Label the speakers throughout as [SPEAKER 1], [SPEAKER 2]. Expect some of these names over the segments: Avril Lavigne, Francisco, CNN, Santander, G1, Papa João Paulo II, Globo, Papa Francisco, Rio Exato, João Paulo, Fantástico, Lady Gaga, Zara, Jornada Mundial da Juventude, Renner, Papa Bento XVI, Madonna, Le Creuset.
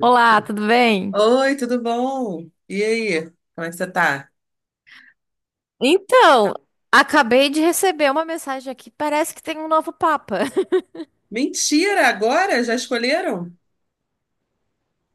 [SPEAKER 1] Olá, tudo bem?
[SPEAKER 2] Oi, tudo bom? E aí, como é que você tá?
[SPEAKER 1] Então, acabei de receber uma mensagem aqui. Parece que tem um novo Papa.
[SPEAKER 2] Mentira, agora? Já escolheram?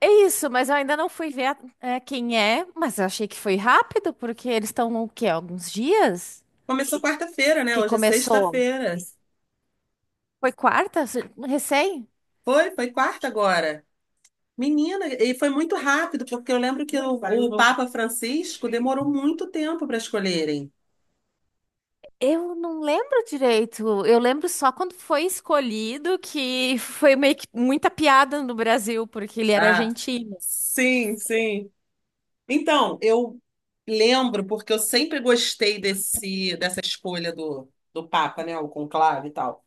[SPEAKER 1] É isso, mas eu ainda não fui ver quem é. Mas eu achei que foi rápido, porque eles estão o quê? Alguns dias
[SPEAKER 2] Começou quarta-feira, né?
[SPEAKER 1] que
[SPEAKER 2] Hoje é
[SPEAKER 1] começou.
[SPEAKER 2] sexta-feira.
[SPEAKER 1] Foi quarta, recém?
[SPEAKER 2] Foi quarta agora. Menina, e foi muito rápido, porque eu lembro que o Papa Francisco demorou muito tempo para escolherem.
[SPEAKER 1] Eu não lembro direito. Eu lembro só quando foi escolhido que foi meio que muita piada no Brasil, porque ele era
[SPEAKER 2] Ah,
[SPEAKER 1] argentino.
[SPEAKER 2] sim, sim. Então, eu lembro, porque eu sempre gostei dessa escolha do Papa, né? O conclave e tal.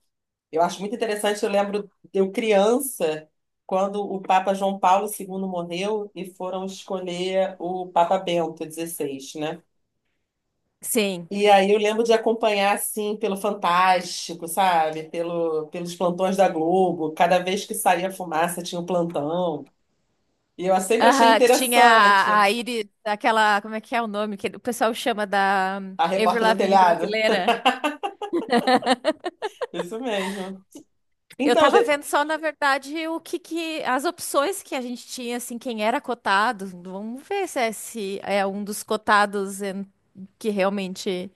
[SPEAKER 2] Eu acho muito interessante, eu lembro de eu criança, quando o Papa João Paulo II morreu e foram escolher o Papa Bento XVI, né?
[SPEAKER 1] Sim.
[SPEAKER 2] E aí eu lembro de acompanhar, assim, pelo Fantástico, sabe? Pelos plantões da Globo. Cada vez que saía fumaça tinha um plantão. E eu sempre achei
[SPEAKER 1] Aham, que tinha
[SPEAKER 2] interessante.
[SPEAKER 1] a Iris, aquela, como é que é o nome que o pessoal chama da
[SPEAKER 2] A
[SPEAKER 1] Avril
[SPEAKER 2] repórter do
[SPEAKER 1] Lavigne
[SPEAKER 2] telhado.
[SPEAKER 1] brasileira.
[SPEAKER 2] Isso mesmo.
[SPEAKER 1] Eu
[SPEAKER 2] Então,
[SPEAKER 1] tava
[SPEAKER 2] de-
[SPEAKER 1] vendo só, na verdade, as opções que a gente tinha, assim, quem era cotado. Vamos ver se é um dos cotados que realmente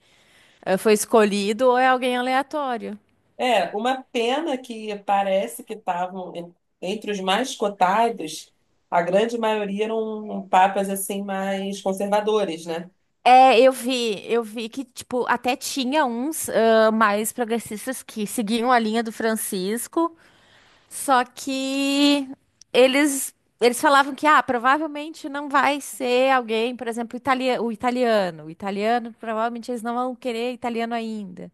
[SPEAKER 1] foi escolhido ou é alguém aleatório.
[SPEAKER 2] É, uma pena que parece que estavam entre os mais cotados, a grande maioria eram papas assim mais conservadores, né?
[SPEAKER 1] É, eu vi que, tipo, até tinha uns mais progressistas que seguiam a linha do Francisco. Só que eles eles falavam que ah, provavelmente não vai ser alguém, por exemplo, o italiano. O italiano, provavelmente eles não vão querer italiano ainda.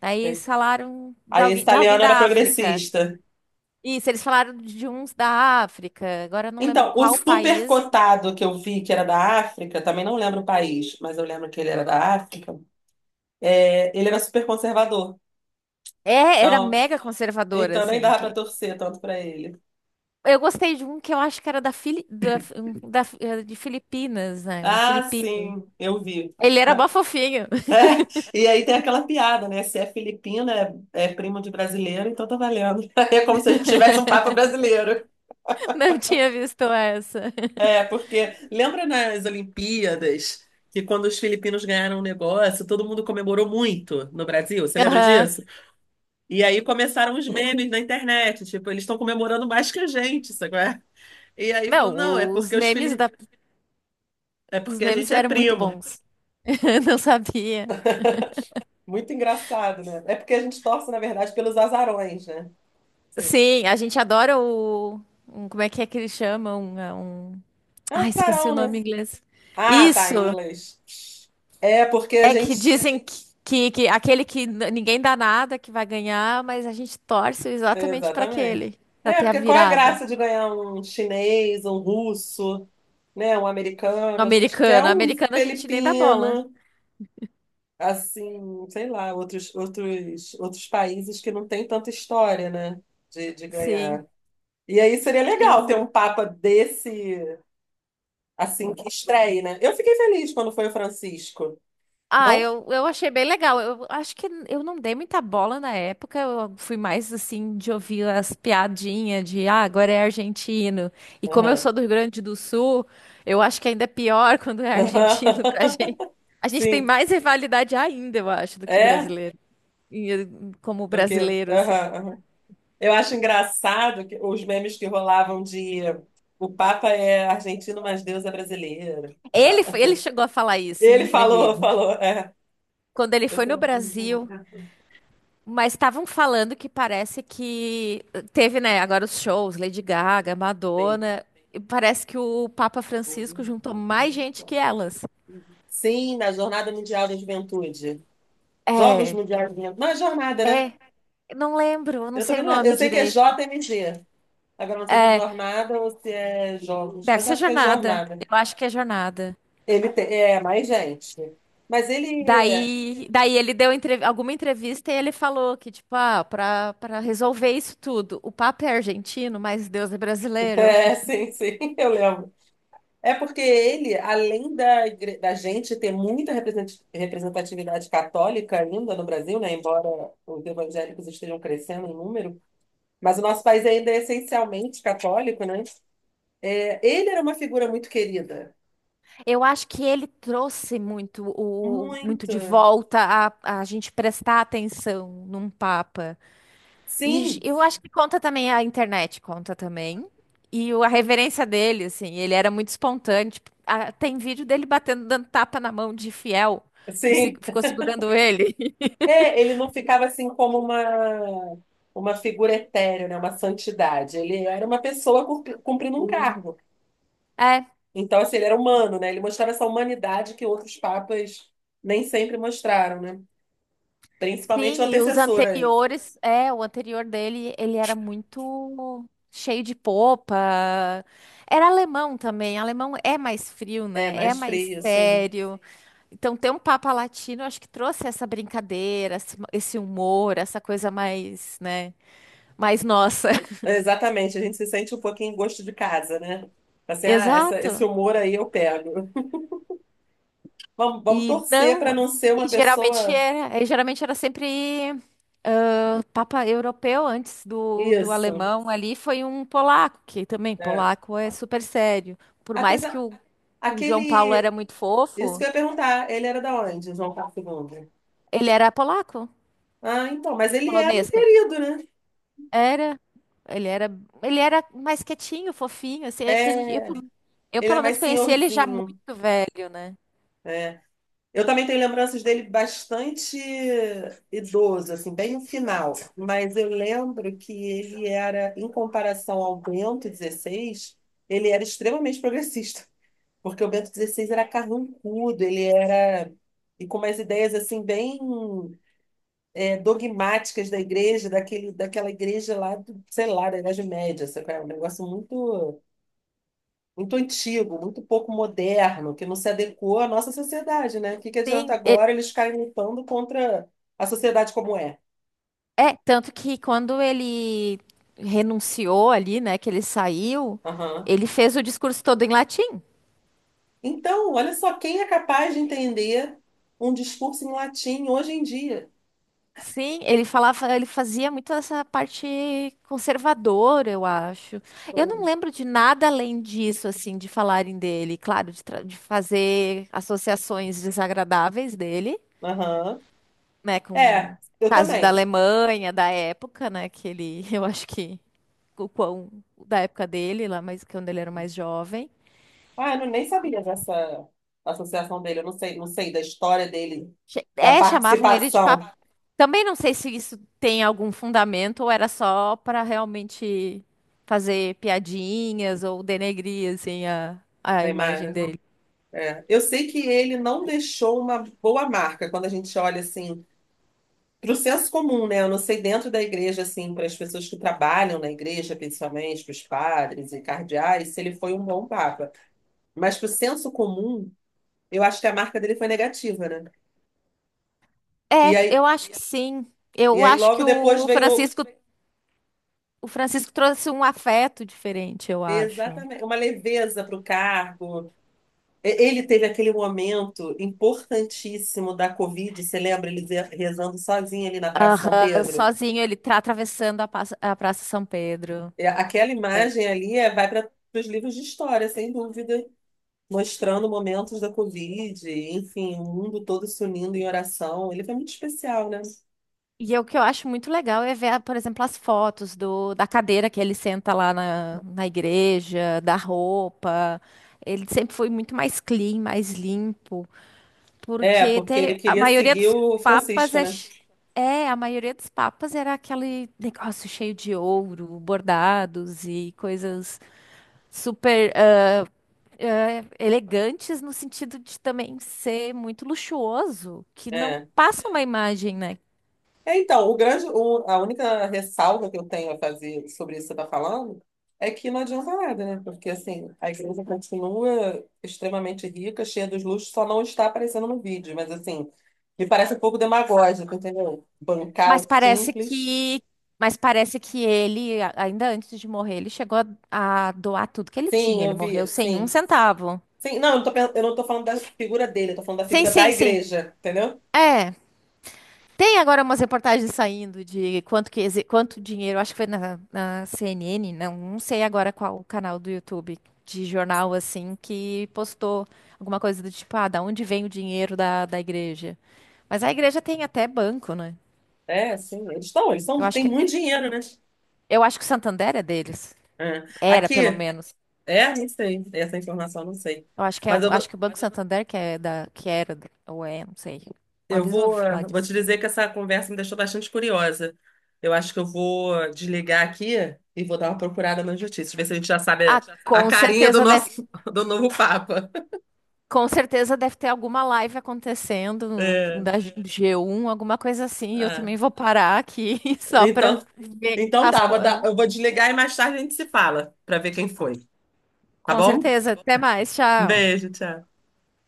[SPEAKER 1] Daí eles falaram
[SPEAKER 2] Aí esse
[SPEAKER 1] de alguém
[SPEAKER 2] italiano era
[SPEAKER 1] da África.
[SPEAKER 2] progressista.
[SPEAKER 1] Isso, eles falaram de uns da África. Agora eu não lembro
[SPEAKER 2] Então, o
[SPEAKER 1] qual
[SPEAKER 2] super
[SPEAKER 1] país.
[SPEAKER 2] cotado que eu vi, que era da África, também não lembro o país, mas eu lembro que ele era da África, é, ele era super conservador.
[SPEAKER 1] É, era
[SPEAKER 2] Então,
[SPEAKER 1] mega conservadora,
[SPEAKER 2] então nem
[SPEAKER 1] assim.
[SPEAKER 2] dava pra
[SPEAKER 1] Que...
[SPEAKER 2] torcer tanto pra ele.
[SPEAKER 1] Eu gostei de um que eu acho que era da, Fili... da... um- da- eh, de Filipinas, né? Um
[SPEAKER 2] Ah,
[SPEAKER 1] filipino.
[SPEAKER 2] sim, eu vi.
[SPEAKER 1] Ele era mó
[SPEAKER 2] Ma-
[SPEAKER 1] fofinho.
[SPEAKER 2] É, e aí tem aquela piada, né? Se é filipino, é primo de brasileiro, então tá valendo. É como se a gente tivesse um papa brasileiro.
[SPEAKER 1] Não tinha visto essa.
[SPEAKER 2] É, porque lembra nas Olimpíadas que quando os filipinos ganharam o negócio, todo mundo comemorou muito no Brasil? Você lembra
[SPEAKER 1] Aham.
[SPEAKER 2] disso? E aí começaram os memes na internet, tipo, eles estão comemorando mais que a gente, sabe? E aí falou,
[SPEAKER 1] Não,
[SPEAKER 2] não, é
[SPEAKER 1] os
[SPEAKER 2] porque os
[SPEAKER 1] memes
[SPEAKER 2] filhos,
[SPEAKER 1] da...
[SPEAKER 2] é
[SPEAKER 1] os
[SPEAKER 2] porque a
[SPEAKER 1] memes
[SPEAKER 2] gente é
[SPEAKER 1] eram muito
[SPEAKER 2] primo.
[SPEAKER 1] bons. Não sabia.
[SPEAKER 2] Muito engraçado, né? É porque a gente torce, na verdade, pelos azarões, né? Sim.
[SPEAKER 1] Sim, a gente adora o. Como é que eles chamam? É um...
[SPEAKER 2] É um
[SPEAKER 1] Ah, esqueci o
[SPEAKER 2] azarão,
[SPEAKER 1] nome
[SPEAKER 2] né?
[SPEAKER 1] em inglês.
[SPEAKER 2] Ah, tá,
[SPEAKER 1] Isso!
[SPEAKER 2] em inglês. É porque a
[SPEAKER 1] É
[SPEAKER 2] gente.
[SPEAKER 1] que dizem que aquele que ninguém dá nada que vai ganhar, mas a gente torce exatamente para
[SPEAKER 2] Exatamente.
[SPEAKER 1] aquele, para
[SPEAKER 2] É,
[SPEAKER 1] ter a
[SPEAKER 2] porque qual é a
[SPEAKER 1] virada.
[SPEAKER 2] graça de ganhar um chinês, um russo, né? Um
[SPEAKER 1] No
[SPEAKER 2] americano? A gente
[SPEAKER 1] americano.
[SPEAKER 2] quer
[SPEAKER 1] No
[SPEAKER 2] um
[SPEAKER 1] americano a gente nem dá bola.
[SPEAKER 2] filipino. Assim, sei lá, outros países que não têm tanta história, né, de
[SPEAKER 1] Sim.
[SPEAKER 2] ganhar. E aí seria legal ter um papa desse, assim, que estreie, né? Eu fiquei feliz quando foi o Francisco.
[SPEAKER 1] Ah,
[SPEAKER 2] Não?
[SPEAKER 1] eu achei bem legal. Eu acho que eu não dei muita bola na época. Eu fui mais assim de ouvir as piadinhas de ah, agora é argentino. E como eu
[SPEAKER 2] Aham.
[SPEAKER 1] sou do Rio Grande do Sul, eu acho que ainda é pior quando é argentino pra gente. A gente tem
[SPEAKER 2] Sim,
[SPEAKER 1] mais rivalidade ainda, eu acho, do que
[SPEAKER 2] é,
[SPEAKER 1] brasileiro. E, eh, Como
[SPEAKER 2] do que.
[SPEAKER 1] brasileiro, assim.
[SPEAKER 2] Aham, aham. Eu acho engraçado que os memes que rolavam de o Papa é argentino, mas Deus é brasileiro.
[SPEAKER 1] Ele,
[SPEAKER 2] Tá.
[SPEAKER 1] ele chegou a falar isso em
[SPEAKER 2] Ele falou,
[SPEAKER 1] entrevista.
[SPEAKER 2] falou, é.
[SPEAKER 1] Quando ele
[SPEAKER 2] Eu
[SPEAKER 1] foi no
[SPEAKER 2] sou-
[SPEAKER 1] Brasil. Mas estavam falando que parece que teve, né, agora os shows, Lady Gaga,
[SPEAKER 2] Sim.
[SPEAKER 1] Madonna, e parece que o Papa Francisco juntou mais gente que elas.
[SPEAKER 2] Sim, na Jornada Mundial da Juventude. Jogos
[SPEAKER 1] É,
[SPEAKER 2] Mundiais da Juventude. Não, é jornada, né?
[SPEAKER 1] é, não lembro, eu não
[SPEAKER 2] Eu
[SPEAKER 1] sei
[SPEAKER 2] também
[SPEAKER 1] o
[SPEAKER 2] não lembro.
[SPEAKER 1] nome
[SPEAKER 2] Eu sei que é
[SPEAKER 1] direito.
[SPEAKER 2] JMG. Agora não sei se é jornada ou se é jogos,
[SPEAKER 1] Deve
[SPEAKER 2] mas
[SPEAKER 1] ser
[SPEAKER 2] acho que é
[SPEAKER 1] Jornada.
[SPEAKER 2] jornada.
[SPEAKER 1] Eu acho que é Jornada.
[SPEAKER 2] Ele tem, é mais gente. Mas ele é,
[SPEAKER 1] Daí ele deu alguma entrevista e ele falou que, tipo, ah, para resolver isso tudo, o Papa é argentino, mas Deus é brasileiro.
[SPEAKER 2] é, sim, sim, eu lembro. É porque ele, além da gente ter muita representatividade católica ainda no Brasil, né? Embora os evangélicos estejam crescendo em número, mas o nosso país ainda é essencialmente católico, né? É, ele era uma figura muito querida.
[SPEAKER 1] Eu acho que ele trouxe muito o muito de
[SPEAKER 2] Muito.
[SPEAKER 1] volta a gente prestar atenção num papa. E j-
[SPEAKER 2] Sim,
[SPEAKER 1] eu acho que conta também a internet, conta também. A reverência dele, assim, ele era muito espontâneo. Tipo, ah, tem vídeo dele batendo, dando tapa na mão de fiel que
[SPEAKER 2] sim.
[SPEAKER 1] ficou segurando ele.
[SPEAKER 2] É, ele não ficava assim como uma figura etérea, né? Uma santidade. Ele era uma pessoa cumprindo um cargo. Então, assim, ele era humano, né? Ele mostrava essa humanidade que outros papas nem sempre mostraram, né? Principalmente
[SPEAKER 1] Sim,
[SPEAKER 2] o
[SPEAKER 1] e os
[SPEAKER 2] antecessor a ele.
[SPEAKER 1] anteriores, é, o anterior dele, ele era muito cheio de popa. Era alemão também. Alemão é mais frio,
[SPEAKER 2] É,
[SPEAKER 1] né? É
[SPEAKER 2] mais
[SPEAKER 1] mais
[SPEAKER 2] frio, assim.
[SPEAKER 1] sério. Então, ter um Papa Latino, acho que trouxe essa brincadeira, esse humor, essa coisa mais, né? Mais nossa.
[SPEAKER 2] Exatamente, a gente se sente um pouquinho em gosto de casa, né? Assim, ah, esse
[SPEAKER 1] Exato.
[SPEAKER 2] humor aí eu pego. Vamos
[SPEAKER 1] E
[SPEAKER 2] torcer
[SPEAKER 1] não.
[SPEAKER 2] para não ser uma
[SPEAKER 1] E geralmente
[SPEAKER 2] pessoa.
[SPEAKER 1] era, e geralmente era sempre Papa europeu antes do
[SPEAKER 2] Isso.
[SPEAKER 1] alemão ali foi um polaco, que também
[SPEAKER 2] É.
[SPEAKER 1] polaco é super sério. Por mais
[SPEAKER 2] Apesar.
[SPEAKER 1] o João Paulo era
[SPEAKER 2] Aquele.
[SPEAKER 1] muito
[SPEAKER 2] Isso que
[SPEAKER 1] fofo,
[SPEAKER 2] eu ia perguntar. Ele era da onde, João Paulo II?
[SPEAKER 1] ele era polaco,
[SPEAKER 2] Ah, então. Mas ele era um
[SPEAKER 1] polonês. Quer dizer.
[SPEAKER 2] querido, né?
[SPEAKER 1] Era, ele era, ele era mais quietinho, fofinho, assim, é que a gente,
[SPEAKER 2] É,
[SPEAKER 1] eu
[SPEAKER 2] ele era
[SPEAKER 1] pelo
[SPEAKER 2] mais
[SPEAKER 1] menos conheci ele já
[SPEAKER 2] senhorzinho.
[SPEAKER 1] muito velho, né?
[SPEAKER 2] Eu também tenho lembranças dele bastante idoso, assim, bem no final. Mas eu lembro que ele era, em comparação ao Bento XVI, ele era extremamente progressista. Porque o Bento XVI era carrancudo, ele era. E com umas ideias assim bem dogmáticas da igreja, daquela igreja lá, do, sei lá, da Idade Média, sabe? Qual é? Um negócio muito, muito antigo, muito pouco moderno, que não se adequou à nossa sociedade, né? O que que adianta
[SPEAKER 1] Sim, e-
[SPEAKER 2] agora eles ficarem lutando contra a sociedade como é?
[SPEAKER 1] É, tanto que quando ele renunciou ali, né, que ele saiu,
[SPEAKER 2] Aham.
[SPEAKER 1] ele fez o discurso todo em latim.
[SPEAKER 2] Então, olha só, quem é capaz de entender um discurso em latim hoje em dia?
[SPEAKER 1] Sim, ele fazia muito essa parte conservadora, eu acho. Eu não lembro de nada além disso, assim, de falarem dele, claro, de fazer associações desagradáveis dele,
[SPEAKER 2] Aham.
[SPEAKER 1] né, com
[SPEAKER 2] É,
[SPEAKER 1] o
[SPEAKER 2] eu
[SPEAKER 1] caso da
[SPEAKER 2] também.
[SPEAKER 1] Alemanha, da época, né, que ele, eu acho que o quão da época dele, lá, mas quando ele era mais jovem.
[SPEAKER 2] Ah, eu não- nem sabia dessa associação dele. Eu não sei da história dele, da
[SPEAKER 1] É, chamavam ele de.
[SPEAKER 2] participação,
[SPEAKER 1] Também não sei se isso tem algum fundamento ou era só para realmente fazer piadinhas ou denegrir assim a
[SPEAKER 2] da
[SPEAKER 1] imagem
[SPEAKER 2] imagem.
[SPEAKER 1] dele.
[SPEAKER 2] É. Eu sei que ele não deixou uma boa marca quando a gente olha assim para o senso comum, né? Eu não sei dentro da igreja assim para as pessoas que trabalham na igreja, principalmente para os padres e cardeais, se ele foi um bom papa. Mas para o senso comum, eu acho que a marca dele foi negativa, né? E
[SPEAKER 1] É,
[SPEAKER 2] aí,
[SPEAKER 1] eu acho que sim.
[SPEAKER 2] e
[SPEAKER 1] Eu
[SPEAKER 2] aí
[SPEAKER 1] acho que
[SPEAKER 2] logo depois veio
[SPEAKER 1] O Francisco trouxe um afeto diferente, eu acho.
[SPEAKER 2] exatamente uma leveza para o cargo. Ele teve aquele momento importantíssimo da Covid, você lembra? Rezando sozinho ali na Praça São
[SPEAKER 1] Aham,
[SPEAKER 2] Pedro.
[SPEAKER 1] sozinho ele tá atravessando a Praça São Pedro.
[SPEAKER 2] É aquela imagem ali vai para os livros de história, sem dúvida, mostrando momentos da Covid, enfim, o mundo todo se unindo em oração. Ele foi muito especial, né?
[SPEAKER 1] E é o que eu acho muito legal é ver, por exemplo, as fotos da cadeira que ele senta na igreja, da roupa. Ele sempre foi muito mais clean, mais limpo,
[SPEAKER 2] É,
[SPEAKER 1] porque
[SPEAKER 2] porque
[SPEAKER 1] tem,
[SPEAKER 2] ele
[SPEAKER 1] a
[SPEAKER 2] queria
[SPEAKER 1] maioria
[SPEAKER 2] seguir
[SPEAKER 1] dos
[SPEAKER 2] o
[SPEAKER 1] papas
[SPEAKER 2] Francisco,
[SPEAKER 1] é,
[SPEAKER 2] né?
[SPEAKER 1] ch- é, a maioria dos papas era aquele negócio cheio de ouro, bordados e coisas super elegantes no sentido de também ser muito luxuoso, que não
[SPEAKER 2] É.
[SPEAKER 1] passa uma imagem, né?
[SPEAKER 2] É, então, a única ressalva que eu tenho a fazer sobre isso que você está falando é que não adianta nada, né? Porque, assim, a igreja continua extremamente rica, cheia dos luxos, só não está aparecendo no vídeo. Mas, assim, me parece um pouco demagógico, entendeu? Bancar
[SPEAKER 1] Mas
[SPEAKER 2] o
[SPEAKER 1] parece
[SPEAKER 2] simples.
[SPEAKER 1] que, mas parece que ele, ainda antes de morrer, ele chegou a doar tudo que ele tinha.
[SPEAKER 2] Sim,
[SPEAKER 1] Ele
[SPEAKER 2] eu
[SPEAKER 1] morreu
[SPEAKER 2] vi,
[SPEAKER 1] sem um
[SPEAKER 2] sim.
[SPEAKER 1] centavo.
[SPEAKER 2] Sim, não, eu não tô falando da figura dele, eu tô falando da
[SPEAKER 1] Sim,
[SPEAKER 2] figura da
[SPEAKER 1] sim, sim.
[SPEAKER 2] igreja, entendeu?
[SPEAKER 1] É. Tem agora umas reportagens saindo de quanto dinheiro, acho que foi na CNN, não, não sei agora qual o canal do YouTube de jornal assim que postou alguma coisa do tipo, ah, da onde vem o dinheiro da igreja? Mas a igreja tem até banco, né?
[SPEAKER 2] É, sim, eles
[SPEAKER 1] Eu
[SPEAKER 2] são,
[SPEAKER 1] acho
[SPEAKER 2] têm
[SPEAKER 1] que
[SPEAKER 2] muito dinheiro, né?
[SPEAKER 1] eu acho que o Santander é deles.
[SPEAKER 2] É.
[SPEAKER 1] Era,
[SPEAKER 2] Aqui,
[SPEAKER 1] pelo menos.
[SPEAKER 2] não sei, essa informação eu não sei.
[SPEAKER 1] Eu acho que é,
[SPEAKER 2] Mas eu,
[SPEAKER 1] acho que o Banco Santander que é que era, ou é, não sei. Uma
[SPEAKER 2] Eu
[SPEAKER 1] vez eu ouvi
[SPEAKER 2] vou, eh,
[SPEAKER 1] falar
[SPEAKER 2] vou
[SPEAKER 1] disso.
[SPEAKER 2] te dizer que essa conversa me deixou bastante curiosa. Eu acho que eu vou desligar aqui e vou dar uma procurada nas notícias, ver se a gente já
[SPEAKER 1] Ah,
[SPEAKER 2] sabe a
[SPEAKER 1] com
[SPEAKER 2] carinha do
[SPEAKER 1] certeza deve,
[SPEAKER 2] nosso do novo Papa.
[SPEAKER 1] com certeza deve ter alguma live acontecendo
[SPEAKER 2] É,
[SPEAKER 1] da G1, alguma coisa assim, e eu
[SPEAKER 2] ah,
[SPEAKER 1] também vou parar aqui só para
[SPEAKER 2] então,
[SPEAKER 1] ver
[SPEAKER 2] então tá, eu vou desligar e mais tarde a gente se fala para ver quem foi, tá
[SPEAKER 1] com
[SPEAKER 2] bom?
[SPEAKER 1] certeza. Até mais,
[SPEAKER 2] Um
[SPEAKER 1] tchau.
[SPEAKER 2] beijo, tchau.